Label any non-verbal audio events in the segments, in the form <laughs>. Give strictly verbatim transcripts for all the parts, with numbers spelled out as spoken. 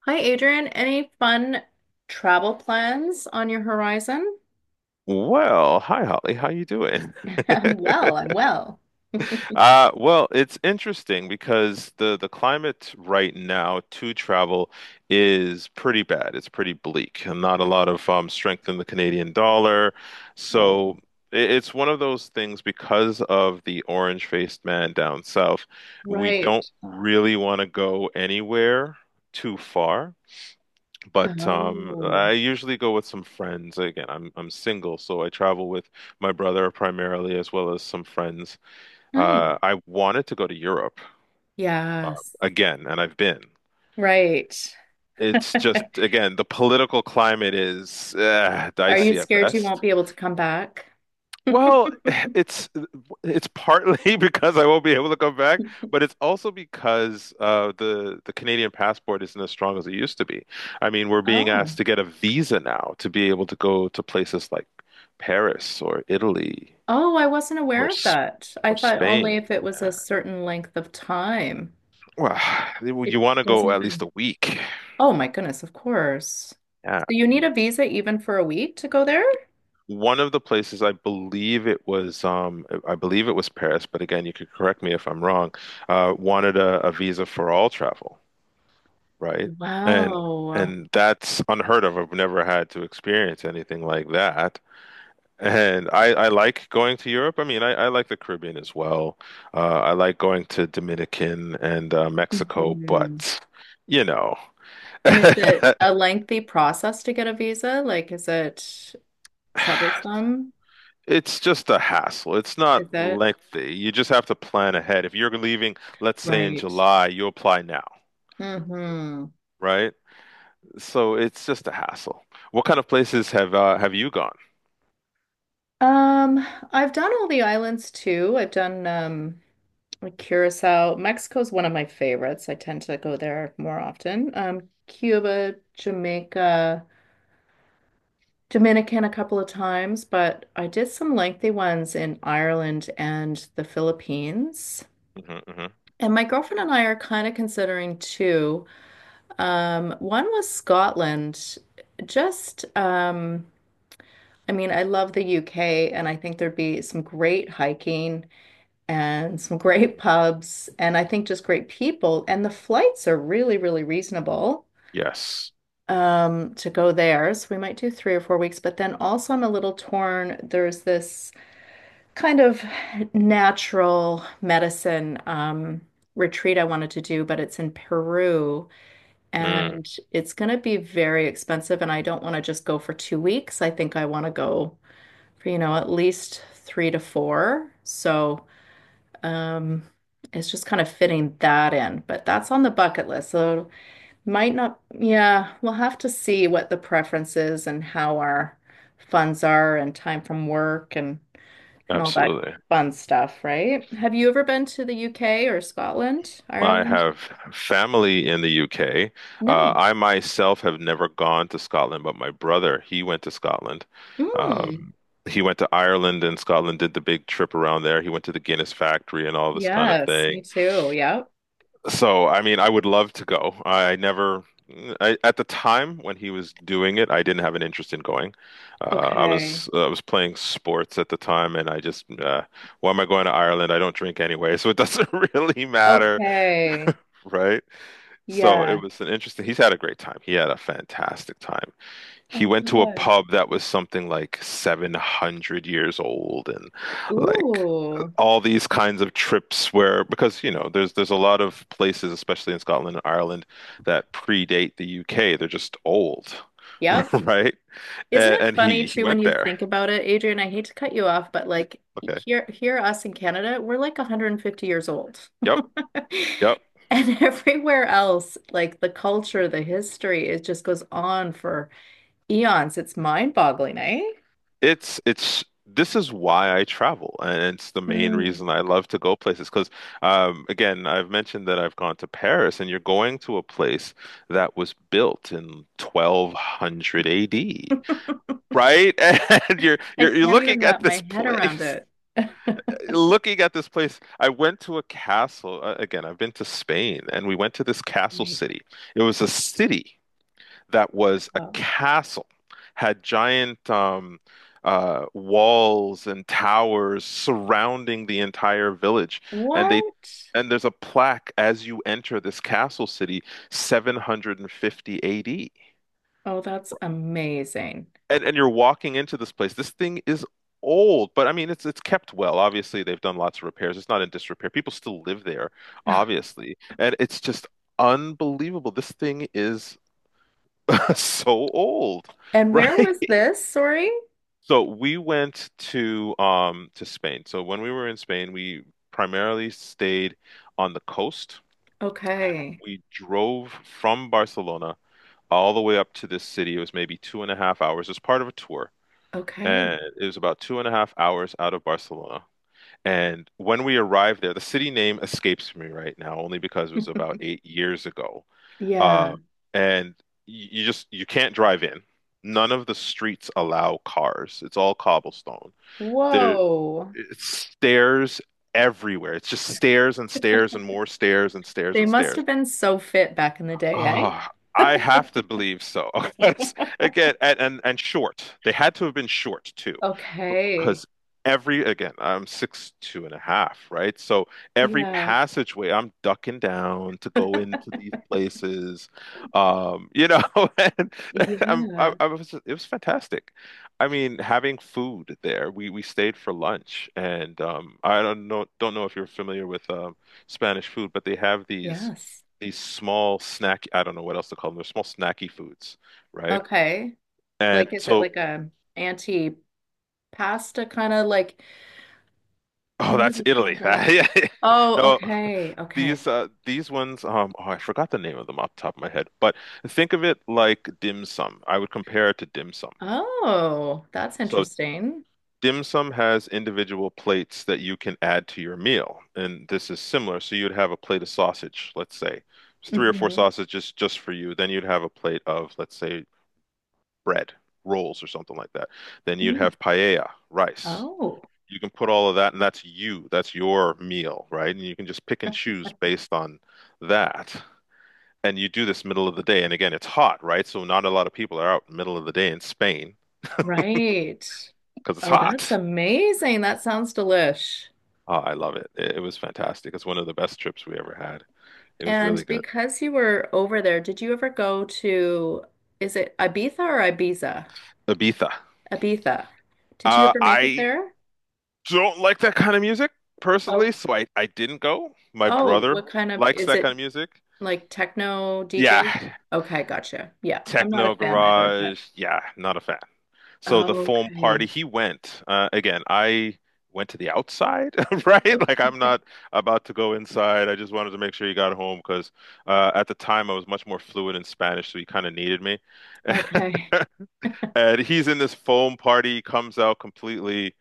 Hi, Adrian. Any fun travel plans on your horizon? Well, hi Holly, how you doing? <laughs> I'm well, I'm <laughs> well. <laughs> Uh, well, it's interesting because the the climate right now to travel is pretty bad. It's pretty bleak, and not a lot of um, strength in the Canadian dollar. Oh, So i- it's one of those things because of the orange-faced man down south, we right. don't really want to go anywhere too far. But um, Oh, I usually go with some friends. Again, I'm I'm single, so I travel with my brother primarily, as well as some friends. nice. Uh, I wanted to go to Europe uh, Yes, again, and I've been. right. It's <laughs> just again the political climate is uh, Are you dicey at scared you won't best. be able to come back? Well, <laughs> it's it's partly <laughs> because I won't be able to come back, but it's also because uh, the the Canadian passport isn't as strong as it used to be. I mean, we're being asked Oh, to get a visa now to be able to go to places like Paris or Italy oh, I wasn't or aware of S- that. I or thought Spain. only if it was Yeah. a certain length of time. Well, <sighs> you It want to doesn't go at least even. a week. Oh, my goodness, of course. So Yeah. you need a visa even for a week to go there? One of the places I believe it was um I believe it was Paris, but again, you could correct me if I'm wrong, uh wanted a, a visa for all travel, right? And Wow. and that's unheard of. I've never had to experience anything like that. And I, I like going to Europe. I mean, I, I like the Caribbean as well. Uh, I like going to Dominican and uh, Mexico, Mhm. but you know, <laughs> And is it a lengthy process to get a visa? Like, is it troublesome? it's just a hassle. It's not Is it? lengthy. You just have to plan ahead. If you're leaving, let's say in Right. July, you apply now, Mm-hmm. right? So it's just a hassle. What kind of places have uh, have you gone? Um, I've done all the islands too. I've done um like Curacao. Mexico's one of my favorites. I tend to go there more often. Um, Cuba, Jamaica, Dominican a couple of times, but I did some lengthy ones in Ireland and the Philippines. Hmm. And my girlfriend and I are kind of considering too. Um, one was Scotland. Just, um, I mean, I love the U K, and I think there'd be some great hiking and some great <laughs> Hmm. pubs, and I think just great people. And the flights are really, really reasonable Yes. um, to go there. So we might do three or four weeks. But then also, I'm a little torn. There's this kind of natural medicine um, retreat I wanted to do, but it's in Peru. Mm, And it's going to be very expensive. And I don't want to just go for two weeks. I think I want to go for, you know, at least three to four. So, um, it's just kind of fitting that in, but that's on the bucket list. So, might not, yeah, we'll have to see what the preference is and how our funds are and time from work and and all that absolutely. fun stuff, right? Have you ever been to the U K or Scotland, I Ireland? have family in the U K. Uh, No. I myself have never gone to Scotland, but my brother, he went to Scotland. Mm. Um, he went to Ireland and Scotland, did the big trip around there. He went to the Guinness factory and all this kind of Yes, me thing. too. Yep. So, I mean, I would love to go. I never, I, at the time when he was doing it, I didn't have an interest in going. Uh, I Okay. was I was playing sports at the time, and I just, uh, why am I going to Ireland? I don't drink anyway, <laughs> so it doesn't <laughs> really matter, Okay. right? So it Yeah. was an interesting. He's had a great time. He had a fantastic time. He Oh, went to a good. pub that was something like seven hundred years old and like Ooh. all these kinds of trips where because you know there's there's a lot of places especially in Scotland and Ireland that predate the U K. They're just old, Yep. <laughs> right? Isn't And, it and funny he he too when went you there. think about it, Adrian? I hate to cut you off, but like Okay. here, here, us in Canada, we're like a hundred fifty years old. <laughs> Yep. Yep. And everywhere else, like the culture, the history, it just goes on for eons. It's mind-boggling, eh? It's it's this is why I travel, and it's the main Mm. reason I love to go places. Because um, again, I've mentioned that I've gone to Paris, and you're going to a place that was built in twelve hundred A D, <laughs> I right? <laughs> And you're you're you're can't even looking at wrap my this head around place, it. <laughs> looking at this place. I went to a castle. uh, Again, I've been to Spain, and we went to this castle Right. city. It was a city that was a Oh. castle, had giant um, uh, walls and towers surrounding the entire village, and they What? and there's a plaque as you enter this castle city, seven hundred fifty A D. Oh, that's amazing. And and you're walking into this place. This thing is old, but I mean it's it's kept well. Obviously, they've done lots of repairs. It's not in disrepair. People still live there, obviously. And it's just unbelievable. This thing is <laughs> so old, And where right? was this? Sorry. So we went to um to Spain. So when we were in Spain, we primarily stayed on the coast. Okay. We drove from Barcelona all the way up to this city. It was maybe two and a half hours. It was part of a tour, Okay. and it was about two and a half hours out of Barcelona. And when we arrived there, the city name escapes me right now, only because it was about eight years ago. Uh, Yeah. and you you just you can't drive in. None of the streets allow cars. It's all cobblestone. There Whoa. it's stairs everywhere. It's just stairs and stairs and more stairs and stairs They and must stairs. have been so fit back in the day, eh? Ah, I have to believe so. <laughs> That's- Again, and, and and short. They had to have been short too Okay. because every again I'm six two and a half, right? So every Yeah. passageway I'm ducking down to go into <laughs> these places, um you know. <laughs> And I'm I, Yeah. I was it was fantastic. I mean, having food there, we we stayed for lunch and um I don't know, don't know if you're familiar with um Spanish food, but they have these Yes. these small snack, I don't know what else to call them, they're small snacky foods, right? Okay. And Like, is it so. like a anti-pasta kind of like, Oh, what do that's they call Italy. <laughs> them? Like, Yeah. oh, No, okay. these Okay. uh these ones um oh, I forgot the name of them off the top of my head, but think of it like dim sum. I would compare it to dim sum. Oh, that's So interesting. dim sum has individual plates that you can add to your meal, and this is similar. So you'd have a plate of sausage, let's say. It's three or four Hmm. sausages just for you. Then you'd have a plate of, let's say, bread, rolls or something like that. Then you'd have paella, rice. Oh. You can put all of that, and that's you, that's your meal, right? And you can just pick and choose based on that. And you do this middle of the day. And again, it's hot, right? So not a lot of people are out middle of the day in Spain Right. because it's Oh, that's hot. amazing. That sounds delish. Oh, I love it. it. It was fantastic. It's one of the best trips we ever had. It was And really good. because you were over there, did you ever go to, is it Ibiza or Ibiza? Ibiza. Ibiza. Did you Uh, ever make it I there? don't like that kind of music personally, Oh, so I, I didn't go. My oh, brother what kind of, likes is that kind it of music. like techno Yeah, D J? Okay, gotcha. Yeah, I'm not a techno fan either, but garage. Yeah, not a fan. So the foam okay. party, he went. Uh, again, I went to the outside, <laughs> right? Like Okay. I'm not about to go inside. I just wanted to make sure he got home because uh, at the time I was much more fluent in Spanish, so he kind of needed me. <laughs> Okay. And he's in this foam party, comes out completely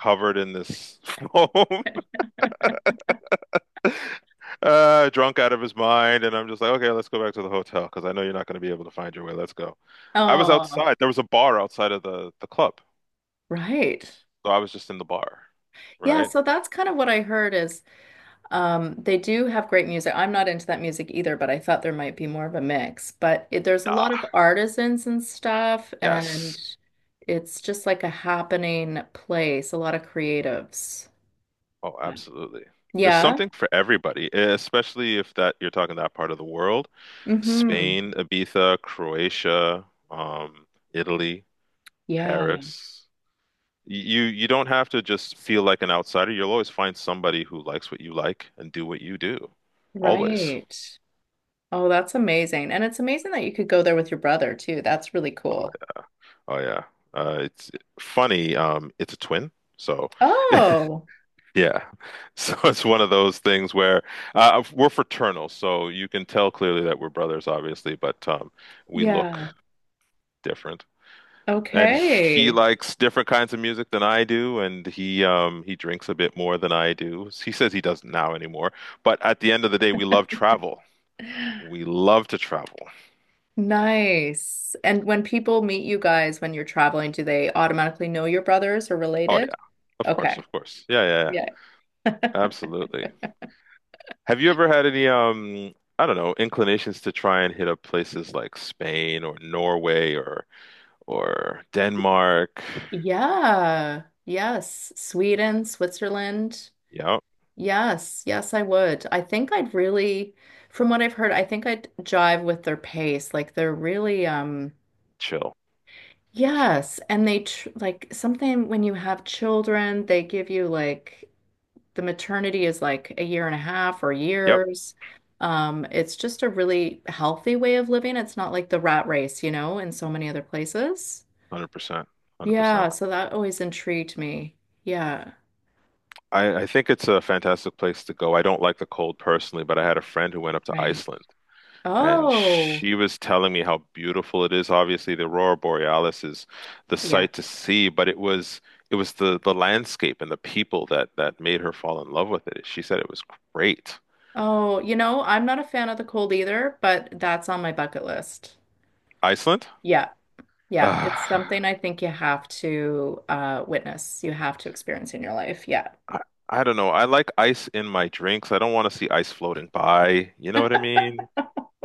covered in this <laughs> foam, uh, drunk out of his mind. And I'm just like, okay, let's go back to the hotel because I know you're not going to be able to find your way. Let's go. I was Oh, outside. There was a bar outside of the the club, right. so I was just in the bar, Yeah, right? so that's kind of what I heard is Um, they do have great music. I'm not into that music either, but I thought there might be more of a mix. But it, there's a lot Nah. of artisans and stuff, and Yes. it's just like a happening place, a lot of creatives. Oh, Wow. absolutely. There's Yeah. something for everybody, eh, especially if that you're talking that part of the world. Mm-hmm. Spain, Ibiza, Croatia, um, Italy, Yeah. Paris. You you don't have to just feel like an outsider. You'll always find somebody who likes what you like and do what you do. Always. Right. Oh, that's amazing. And it's amazing that you could go there with your brother too. That's really cool. Oh yeah. Uh, it's funny. Um, it's a twin, so <laughs> Oh, Yeah. <laughs> So it's one of those things where uh, we're fraternal, so you can tell clearly that we're brothers, obviously, but um, we look yeah. different. And he Okay. likes different kinds of music than I do, and he um, he drinks a bit more than I do. He says he doesn't now anymore, but at the end of the day, we love travel. We love to travel. Nice. And when people meet you guys when you're traveling, do they automatically know your brothers or Oh related? yeah, of course, Okay. of course. Yeah, yeah, yeah. Yeah. Absolutely. Have you ever had any um, I don't know, inclinations to try and hit up places like Spain or Norway or or Denmark. Yeah. Yes. Sweden, Switzerland. Yep, Yes. Yes, I would. I think I'd really, from what I've heard, I think I'd jive with their pace. Like they're really, um, chill. yes. And they tr like something when you have children, they give you like the maternity is like a year and a half or Yep, years. Um, it's just a really healthy way of living. It's not like the rat race, you know, in so many other places. one hundred percent. Yeah, one hundred percent. so that always intrigued me. Yeah, I, I think it's a fantastic place to go. I don't like the cold personally, but I had a friend who went up to right. Iceland and Oh, she was telling me how beautiful it is. Obviously, the Aurora Borealis is the yeah. sight to see, but it was it was the the landscape and the people that that made her fall in love with it. She said it was great. Oh, you know, I'm not a fan of the cold either, but that's on my bucket list. Iceland? Yeah, <sighs> yeah. It's Ah, something I think you have to uh, witness, you have to experience in your life. Yeah. I, I don't know. I like ice in my drinks. I don't want to see ice floating by. You know what I mean?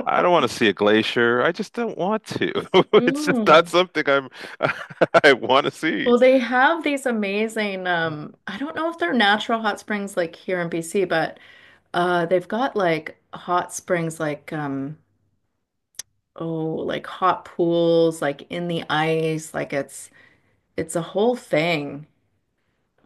I don't want to see a glacier. I just don't want to. <laughs> It's just not Mm. something I'm <laughs> I want to see. Well, they have these amazing, um, I don't know if they're natural hot springs like here in B C, but uh, they've got like hot springs like um oh, like hot pools like in the ice, like it's it's a whole thing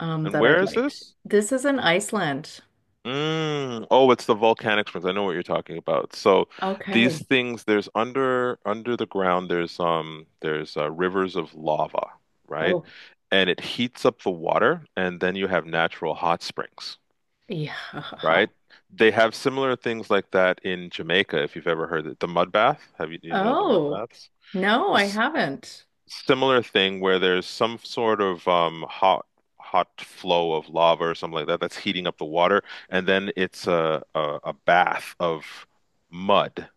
um And that where I'd is liked. this? This is in Iceland. Mm. Oh, it's the volcanic springs. I know what you're talking about. So Okay. these things, there's under under the ground, there's um there's uh, rivers of lava, right? Oh, And it heats up the water, and then you have natural hot springs, yeah. <laughs> right? They have similar things like that in Jamaica, if you've ever heard it. The mud bath. Have you, do you know the mud Oh, baths? no, I haven't. Similar thing where there's some sort of um, hot hot flow of lava or something like that that's heating up the water, and then it's a a, a bath of mud,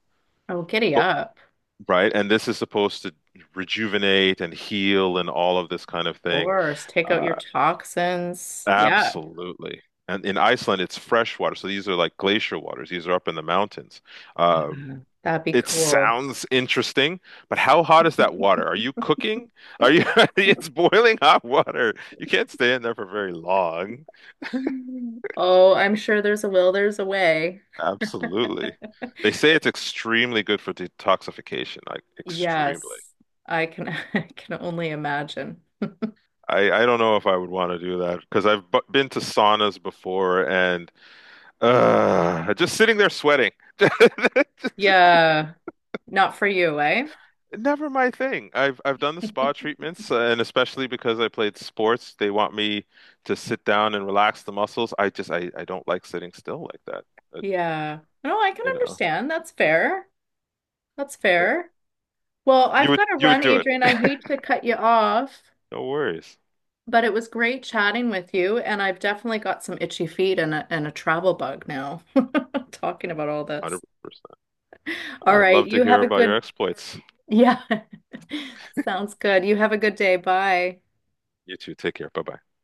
Oh, giddy but, up. right? And this is supposed to rejuvenate and heal and all of this kind Of of thing. course, take out your Uh, toxins. Yeah. absolutely. And in Iceland, it's fresh water, so these are like glacier waters. These are up in the mountains. Uh, Yeah. That'd be It cool. sounds interesting, but how hot is that water? Are you cooking? Are you? <laughs> <laughs> It's boiling hot water. You can't stay in there for very long. <laughs> Oh, I'm sure there's a will, there's a way. Absolutely. They say it's extremely good for detoxification, like extremely. Yes, I can <laughs> I can only imagine. I, I don't know if I would want to do that because I've bu- been to saunas before and uh, just sitting there sweating. <laughs> Yeah, not for you, eh? Never my thing. I've I've done the spa <laughs> treatments, uh, and especially because I played sports, they want me to sit down and relax the muscles. I just I, I don't like sitting still like that. Uh, Yeah. No, I can you know, understand. That's fair. That's Uh, fair. Well, you I've would got to you would run, do it. Adrian. I hate to cut you off, No worries. but it was great chatting with you, and I've definitely got some itchy feet and a and a travel bug now, <laughs> talking about all this. one hundred percent. All I'd right, love to you hear have a about your good, exploits. yeah. <laughs> Sounds good. You have a good day. Bye. You too. Take care. Bye-bye.